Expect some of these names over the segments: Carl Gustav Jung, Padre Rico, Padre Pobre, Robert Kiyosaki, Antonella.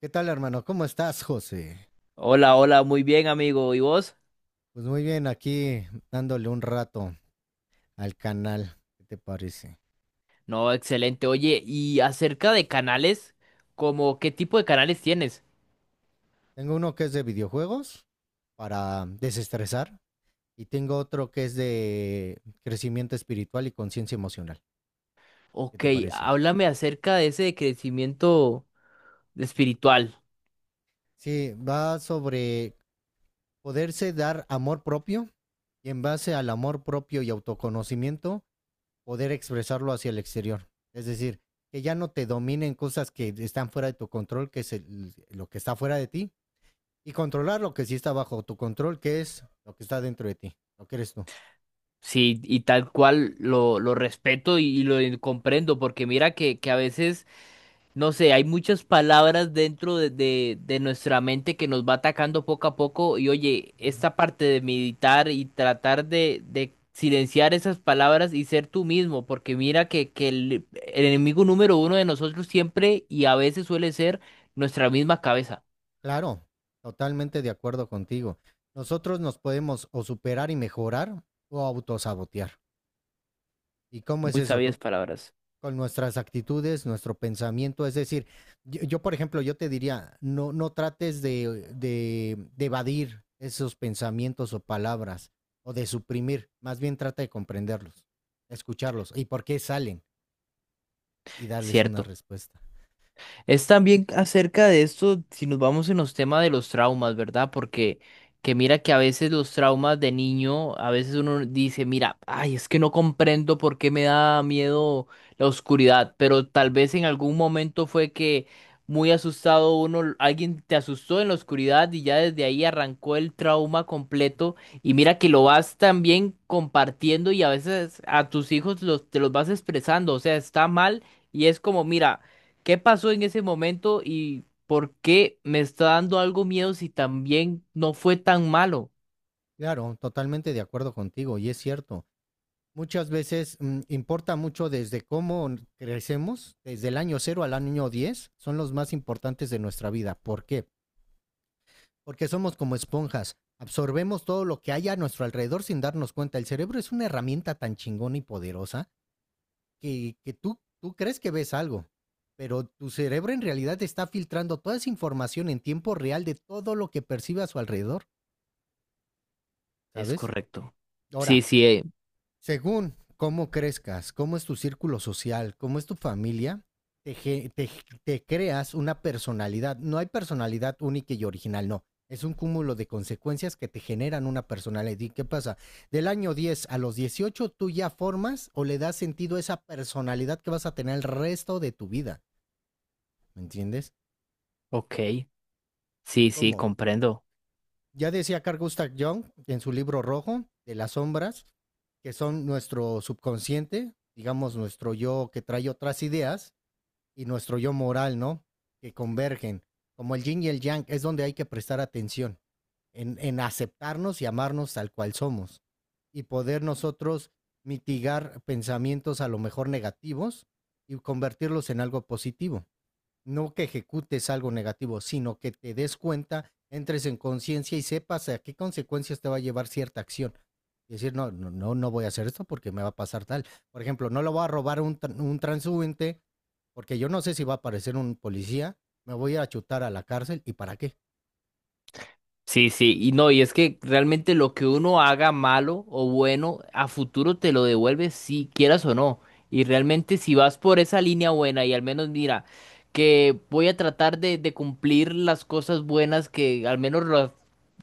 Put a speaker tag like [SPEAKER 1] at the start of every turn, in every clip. [SPEAKER 1] ¿Qué tal, hermano? ¿Cómo estás, José?
[SPEAKER 2] Hola, hola, muy bien, amigo. ¿Y vos?
[SPEAKER 1] Pues muy bien, aquí dándole un rato al canal. ¿Qué te parece?
[SPEAKER 2] No, excelente. Oye, y acerca de canales, ¿como qué tipo de canales tienes?
[SPEAKER 1] Tengo uno que es de videojuegos para desestresar y tengo otro que es de crecimiento espiritual y conciencia emocional. ¿Qué
[SPEAKER 2] Ok,
[SPEAKER 1] te parece?
[SPEAKER 2] háblame acerca de ese crecimiento espiritual.
[SPEAKER 1] Sí, va sobre poderse dar amor propio y en base al amor propio y autoconocimiento, poder expresarlo hacia el exterior. Es decir, que ya no te dominen cosas que están fuera de tu control, que es lo que está fuera de ti, y controlar lo que sí está bajo tu control, que es lo que está dentro de ti, lo que eres tú.
[SPEAKER 2] Sí, y tal cual lo respeto y lo comprendo, porque mira que a veces no sé, hay muchas palabras dentro de nuestra mente que nos va atacando poco a poco y oye, esta parte de meditar y tratar de silenciar esas palabras y ser tú mismo, porque mira que el enemigo número uno de nosotros siempre y a veces suele ser nuestra misma cabeza.
[SPEAKER 1] Claro, totalmente de acuerdo contigo. Nosotros nos podemos o superar y mejorar o autosabotear. ¿Y cómo es
[SPEAKER 2] Muy
[SPEAKER 1] eso?
[SPEAKER 2] sabias palabras.
[SPEAKER 1] Con nuestras actitudes, nuestro pensamiento. Es decir, yo, por ejemplo, yo te diría, no, no trates de evadir esos pensamientos o palabras o de suprimir, más bien trata de comprenderlos, escucharlos y por qué salen y darles una
[SPEAKER 2] Cierto.
[SPEAKER 1] respuesta.
[SPEAKER 2] Es también acerca de esto, si nos vamos en los temas de los traumas, ¿verdad? Porque que mira que a veces los traumas de niño, a veces uno dice, mira, ay, es que no comprendo por qué me da miedo la oscuridad, pero tal vez en algún momento fue que muy asustado uno, alguien te asustó en la oscuridad y ya desde ahí arrancó el trauma completo y mira que lo vas también compartiendo y a veces a tus hijos te los vas expresando, o sea, está mal. Y es como, mira, ¿qué pasó en ese momento y por qué me está dando algo miedo si también no fue tan malo?
[SPEAKER 1] Claro, totalmente de acuerdo contigo y es cierto. Muchas veces importa mucho desde cómo crecemos, desde el año 0 al año 10, son los más importantes de nuestra vida. ¿Por qué? Porque somos como esponjas, absorbemos todo lo que hay a nuestro alrededor sin darnos cuenta. El cerebro es una herramienta tan chingona y poderosa que tú crees que ves algo, pero tu cerebro en realidad está filtrando toda esa información en tiempo real de todo lo que percibe a su alrededor,
[SPEAKER 2] Es
[SPEAKER 1] ¿sabes?
[SPEAKER 2] correcto. Sí,
[SPEAKER 1] Ahora,
[SPEAKER 2] sí,
[SPEAKER 1] según cómo crezcas, cómo es tu círculo social, cómo es tu familia, te creas una personalidad. No hay personalidad única y original, no. Es un cúmulo de consecuencias que te generan una personalidad. ¿Y qué pasa? Del año 10 a los 18, tú ya formas o le das sentido a esa personalidad que vas a tener el resto de tu vida. ¿Me entiendes?
[SPEAKER 2] OK. Sí, sí,
[SPEAKER 1] ¿Cómo?
[SPEAKER 2] comprendo.
[SPEAKER 1] Ya decía Carl Gustav Jung en su libro rojo de las sombras, que son nuestro subconsciente, digamos nuestro yo que trae otras ideas y nuestro yo moral, ¿no? Que convergen. Como el yin y el yang, es donde hay que prestar atención, en aceptarnos y amarnos tal cual somos y poder nosotros mitigar pensamientos a lo mejor negativos y convertirlos en algo positivo. No que ejecutes algo negativo, sino que te des cuenta, entres en conciencia y sepas a qué consecuencias te va a llevar cierta acción. Y decir, no, no, no, no voy a hacer esto porque me va a pasar tal. Por ejemplo, no lo voy a robar un transeúnte porque yo no sé si va a aparecer un policía, me voy a chutar a la cárcel y para qué.
[SPEAKER 2] Sí, sí, y no, y es que realmente lo que uno haga malo o bueno, a futuro te lo devuelve si quieras o no. Y realmente si vas por esa línea buena y al menos mira, que voy a tratar de cumplir las cosas buenas que al menos las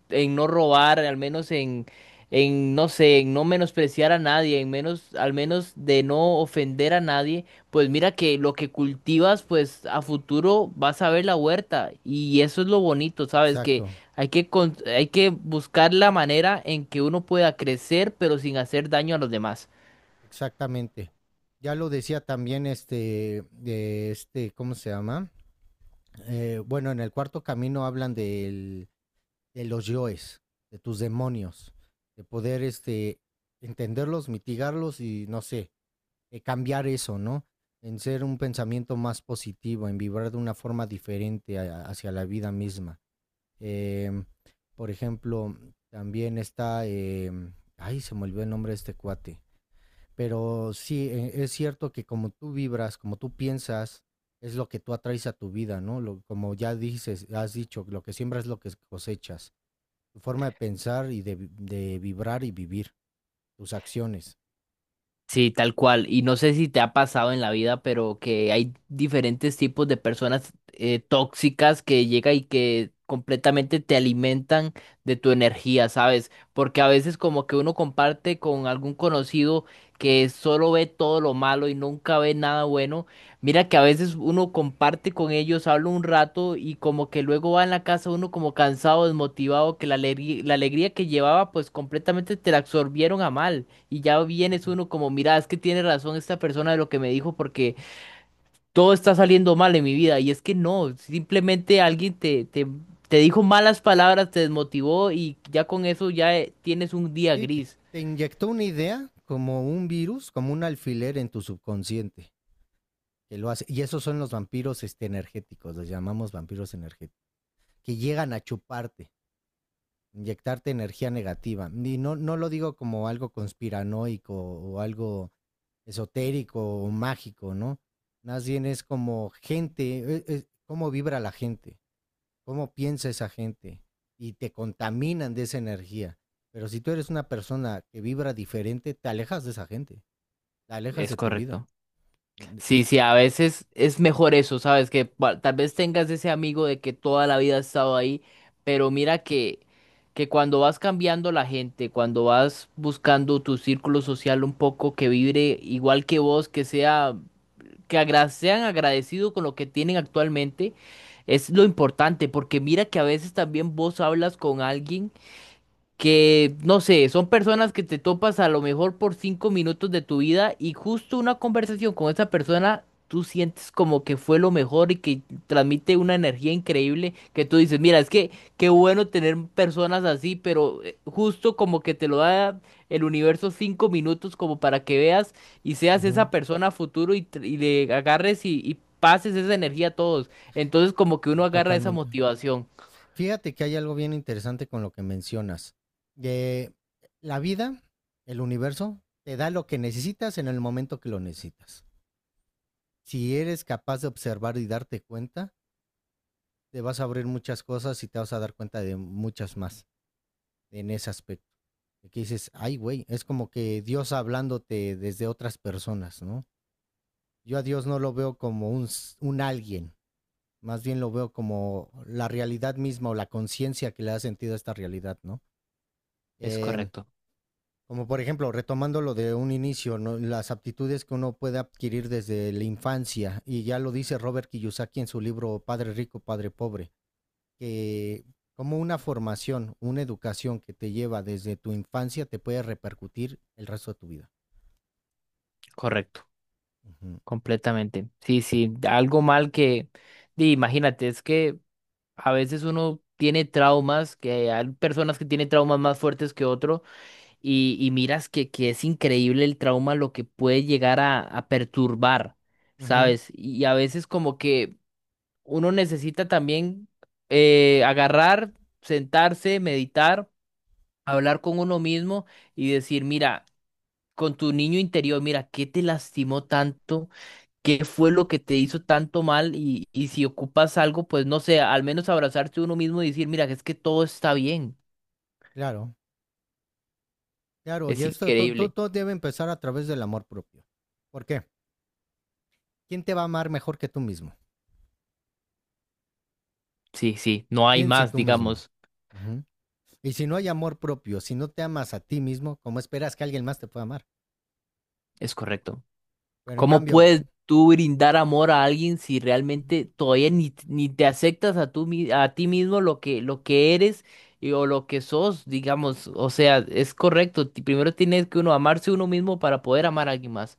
[SPEAKER 2] en no robar, al menos en, no sé, en no menospreciar a nadie, en menos, al menos de no ofender a nadie, pues mira que lo que cultivas, pues a futuro vas a ver la huerta. Y eso es lo bonito, ¿sabes? Que
[SPEAKER 1] Exacto,
[SPEAKER 2] hay que buscar la manera en que uno pueda crecer, pero sin hacer daño a los demás.
[SPEAKER 1] exactamente. Ya lo decía también este, de este, ¿cómo se llama? Bueno, en el cuarto camino hablan del de los yoes, de tus demonios, de poder entenderlos, mitigarlos y no sé, cambiar eso, ¿no? En ser un pensamiento más positivo, en vibrar de una forma diferente hacia la vida misma. Eh, por ejemplo, también está, ay, se me olvidó el nombre de este cuate, pero sí, es cierto que como tú vibras, como tú piensas, es lo que tú atraes a tu vida, ¿no? Lo, como ya dices, has dicho, lo que siembras es lo que cosechas, tu forma de pensar y de vibrar y vivir, tus acciones.
[SPEAKER 2] Sí, tal cual. Y no sé si te ha pasado en la vida, pero que hay diferentes tipos de personas tóxicas que llega y que completamente te alimentan de tu energía, ¿sabes? Porque a veces como que uno comparte con algún conocido que solo ve todo lo malo y nunca ve nada bueno. Mira que a veces uno comparte con ellos, habla un rato y como que luego va en la casa uno como cansado, desmotivado, que la alegría que llevaba pues completamente te la absorbieron a mal. Y ya vienes
[SPEAKER 1] Uh-huh.
[SPEAKER 2] uno como, mira, es que tiene razón esta persona de lo que me dijo porque todo está saliendo mal en mi vida. Y es que no, simplemente alguien te dijo malas palabras, te desmotivó y ya con eso ya tienes un día
[SPEAKER 1] Y te,
[SPEAKER 2] gris.
[SPEAKER 1] te inyectó una idea como un virus, como un alfiler en tu subconsciente, que lo hace. Y esos son los vampiros energéticos, los llamamos vampiros energéticos, que llegan a chuparte, inyectarte energía negativa. Y no, no lo digo como algo conspiranoico o algo esotérico o mágico, ¿no? Más bien es como gente, cómo vibra la gente. Cómo piensa esa gente y te contaminan de esa energía. Pero si tú eres una persona que vibra diferente, te alejas de esa gente, te alejas de
[SPEAKER 2] Es
[SPEAKER 1] tu vida.
[SPEAKER 2] correcto.
[SPEAKER 1] Mm.
[SPEAKER 2] Sí, sí,
[SPEAKER 1] Es
[SPEAKER 2] a veces es mejor eso, ¿sabes? Que tal vez tengas ese amigo de que toda la vida ha estado ahí, pero mira que cuando vas cambiando la gente, cuando vas buscando tu círculo social un poco que vibre igual que vos, que sean agradecidos con lo que tienen actualmente es lo importante, porque mira que a veces también vos hablas con alguien que, no sé, son personas que te topas a lo mejor por 5 minutos de tu vida y justo una conversación con esa persona, tú sientes como que fue lo mejor y que transmite una energía increíble que tú dices, mira, es que qué bueno tener personas así, pero justo como que te lo da el universo 5 minutos como para que veas y seas
[SPEAKER 1] Ujú,
[SPEAKER 2] esa persona a futuro y le agarres y pases esa energía a todos. Entonces como que uno agarra esa
[SPEAKER 1] totalmente.
[SPEAKER 2] motivación.
[SPEAKER 1] Fíjate que hay algo bien interesante con lo que mencionas. De la vida, el universo, te da lo que necesitas en el momento que lo necesitas. Si eres capaz de observar y darte cuenta, te vas a abrir muchas cosas y te vas a dar cuenta de muchas más, en ese aspecto. Que dices, ay, güey, es como que Dios hablándote desde otras personas, ¿no? Yo a Dios no lo veo como un alguien, más bien lo veo como la realidad misma o la conciencia que le da sentido a esta realidad, ¿no?
[SPEAKER 2] Es
[SPEAKER 1] Eh,
[SPEAKER 2] correcto,
[SPEAKER 1] como por ejemplo, retomando lo de un inicio, ¿no? Las aptitudes que uno puede adquirir desde la infancia, y ya lo dice Robert Kiyosaki en su libro Padre Rico, Padre Pobre. Que como una formación, una educación que te lleva desde tu infancia te puede repercutir el resto de tu vida.
[SPEAKER 2] correcto.
[SPEAKER 1] Ujú.
[SPEAKER 2] Completamente. Sí, sí, algo mal imagínate, es que a veces uno tiene traumas, que hay personas que tienen traumas más fuertes que otro, y miras que es increíble el trauma lo que puede llegar a perturbar,
[SPEAKER 1] Ujú,
[SPEAKER 2] ¿sabes? Y a veces como que uno necesita también agarrar, sentarse, meditar, hablar con uno mismo y decir, mira, con tu niño interior, mira, ¿qué te lastimó tanto? Qué fue lo que te hizo tanto mal y si ocupas algo, pues no sé, al menos abrazarse uno mismo y decir, mira, es que todo está bien.
[SPEAKER 1] claro, claro, y
[SPEAKER 2] Es
[SPEAKER 1] esto
[SPEAKER 2] increíble.
[SPEAKER 1] todo debe empezar a través del amor propio. ¿Por qué? ¿Quién te va a amar mejor que tú mismo?
[SPEAKER 2] Sí, sí, no hay
[SPEAKER 1] ¿Quién si
[SPEAKER 2] más,
[SPEAKER 1] tú mismo?
[SPEAKER 2] digamos.
[SPEAKER 1] Ujú. Y si no hay amor propio, si no te amas a ti mismo, ¿cómo esperas que alguien más te pueda amar?
[SPEAKER 2] Es correcto.
[SPEAKER 1] Pero en
[SPEAKER 2] ¿Cómo
[SPEAKER 1] cambio,
[SPEAKER 2] puedes tú brindar amor a alguien si realmente todavía ni te aceptas a ti mismo lo que eres o lo que sos, digamos? O sea, es correcto. Primero tienes que uno amarse uno mismo para poder amar a alguien más.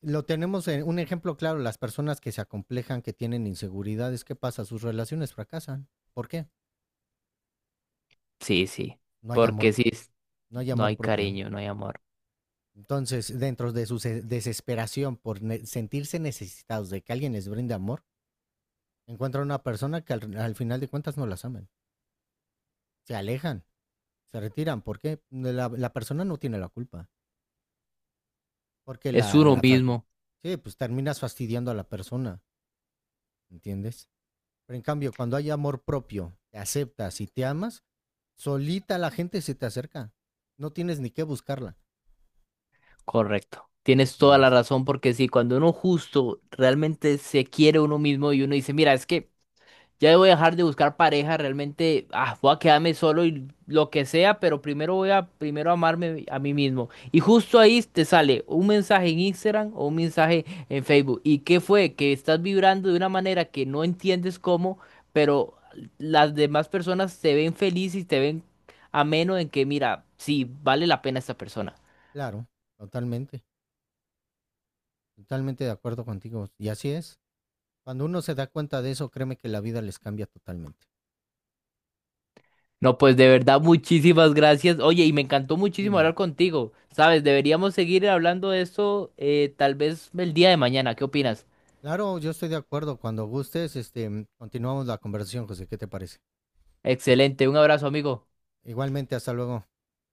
[SPEAKER 1] lo tenemos en un ejemplo claro, las personas que se acomplejan, que tienen inseguridades, ¿qué pasa? Sus relaciones fracasan. ¿Por qué?
[SPEAKER 2] Sí, sí,
[SPEAKER 1] No hay amor,
[SPEAKER 2] porque
[SPEAKER 1] no hay
[SPEAKER 2] no
[SPEAKER 1] amor
[SPEAKER 2] hay
[SPEAKER 1] propio.
[SPEAKER 2] cariño, no hay amor.
[SPEAKER 1] Entonces, dentro de su desesperación por sentirse necesitados de que alguien les brinde amor, encuentran una persona que al final de cuentas no las aman. Se alejan, se retiran. ¿Por qué? La persona no tiene la culpa. Porque
[SPEAKER 2] Es
[SPEAKER 1] la,
[SPEAKER 2] uno
[SPEAKER 1] la fa-
[SPEAKER 2] mismo,
[SPEAKER 1] Sí, pues terminas fastidiando a la persona, ¿entiendes? Pero en cambio, cuando hay amor propio, te aceptas y te amas, solita la gente se te acerca. No tienes ni que buscarla,
[SPEAKER 2] correcto. Tienes toda la
[SPEAKER 1] ¿entiendes?
[SPEAKER 2] razón porque sí, cuando uno justo realmente se quiere uno mismo y uno dice, mira, es que ya voy a dejar de buscar pareja, realmente voy a quedarme solo y lo que sea, pero primero voy a primero amarme a mí mismo. Y justo ahí te sale un mensaje en Instagram o un mensaje en Facebook. ¿Y qué fue? Que estás vibrando de una manera que no entiendes cómo, pero las demás personas te ven feliz y te ven ameno en que, mira, sí, vale la pena esta persona.
[SPEAKER 1] Claro, totalmente. Totalmente de acuerdo contigo. Y así es. Cuando uno se da cuenta de eso, créeme que la vida les cambia totalmente.
[SPEAKER 2] No, pues de verdad, muchísimas gracias. Oye, y me encantó muchísimo
[SPEAKER 1] Dime.
[SPEAKER 2] hablar contigo. Sabes, deberíamos seguir hablando de esto tal vez el día de mañana. ¿Qué opinas?
[SPEAKER 1] Claro, yo estoy de acuerdo. Cuando gustes, este, continuamos la conversación, José. ¿Qué te parece?
[SPEAKER 2] Excelente, un abrazo, amigo.
[SPEAKER 1] Igualmente, hasta luego.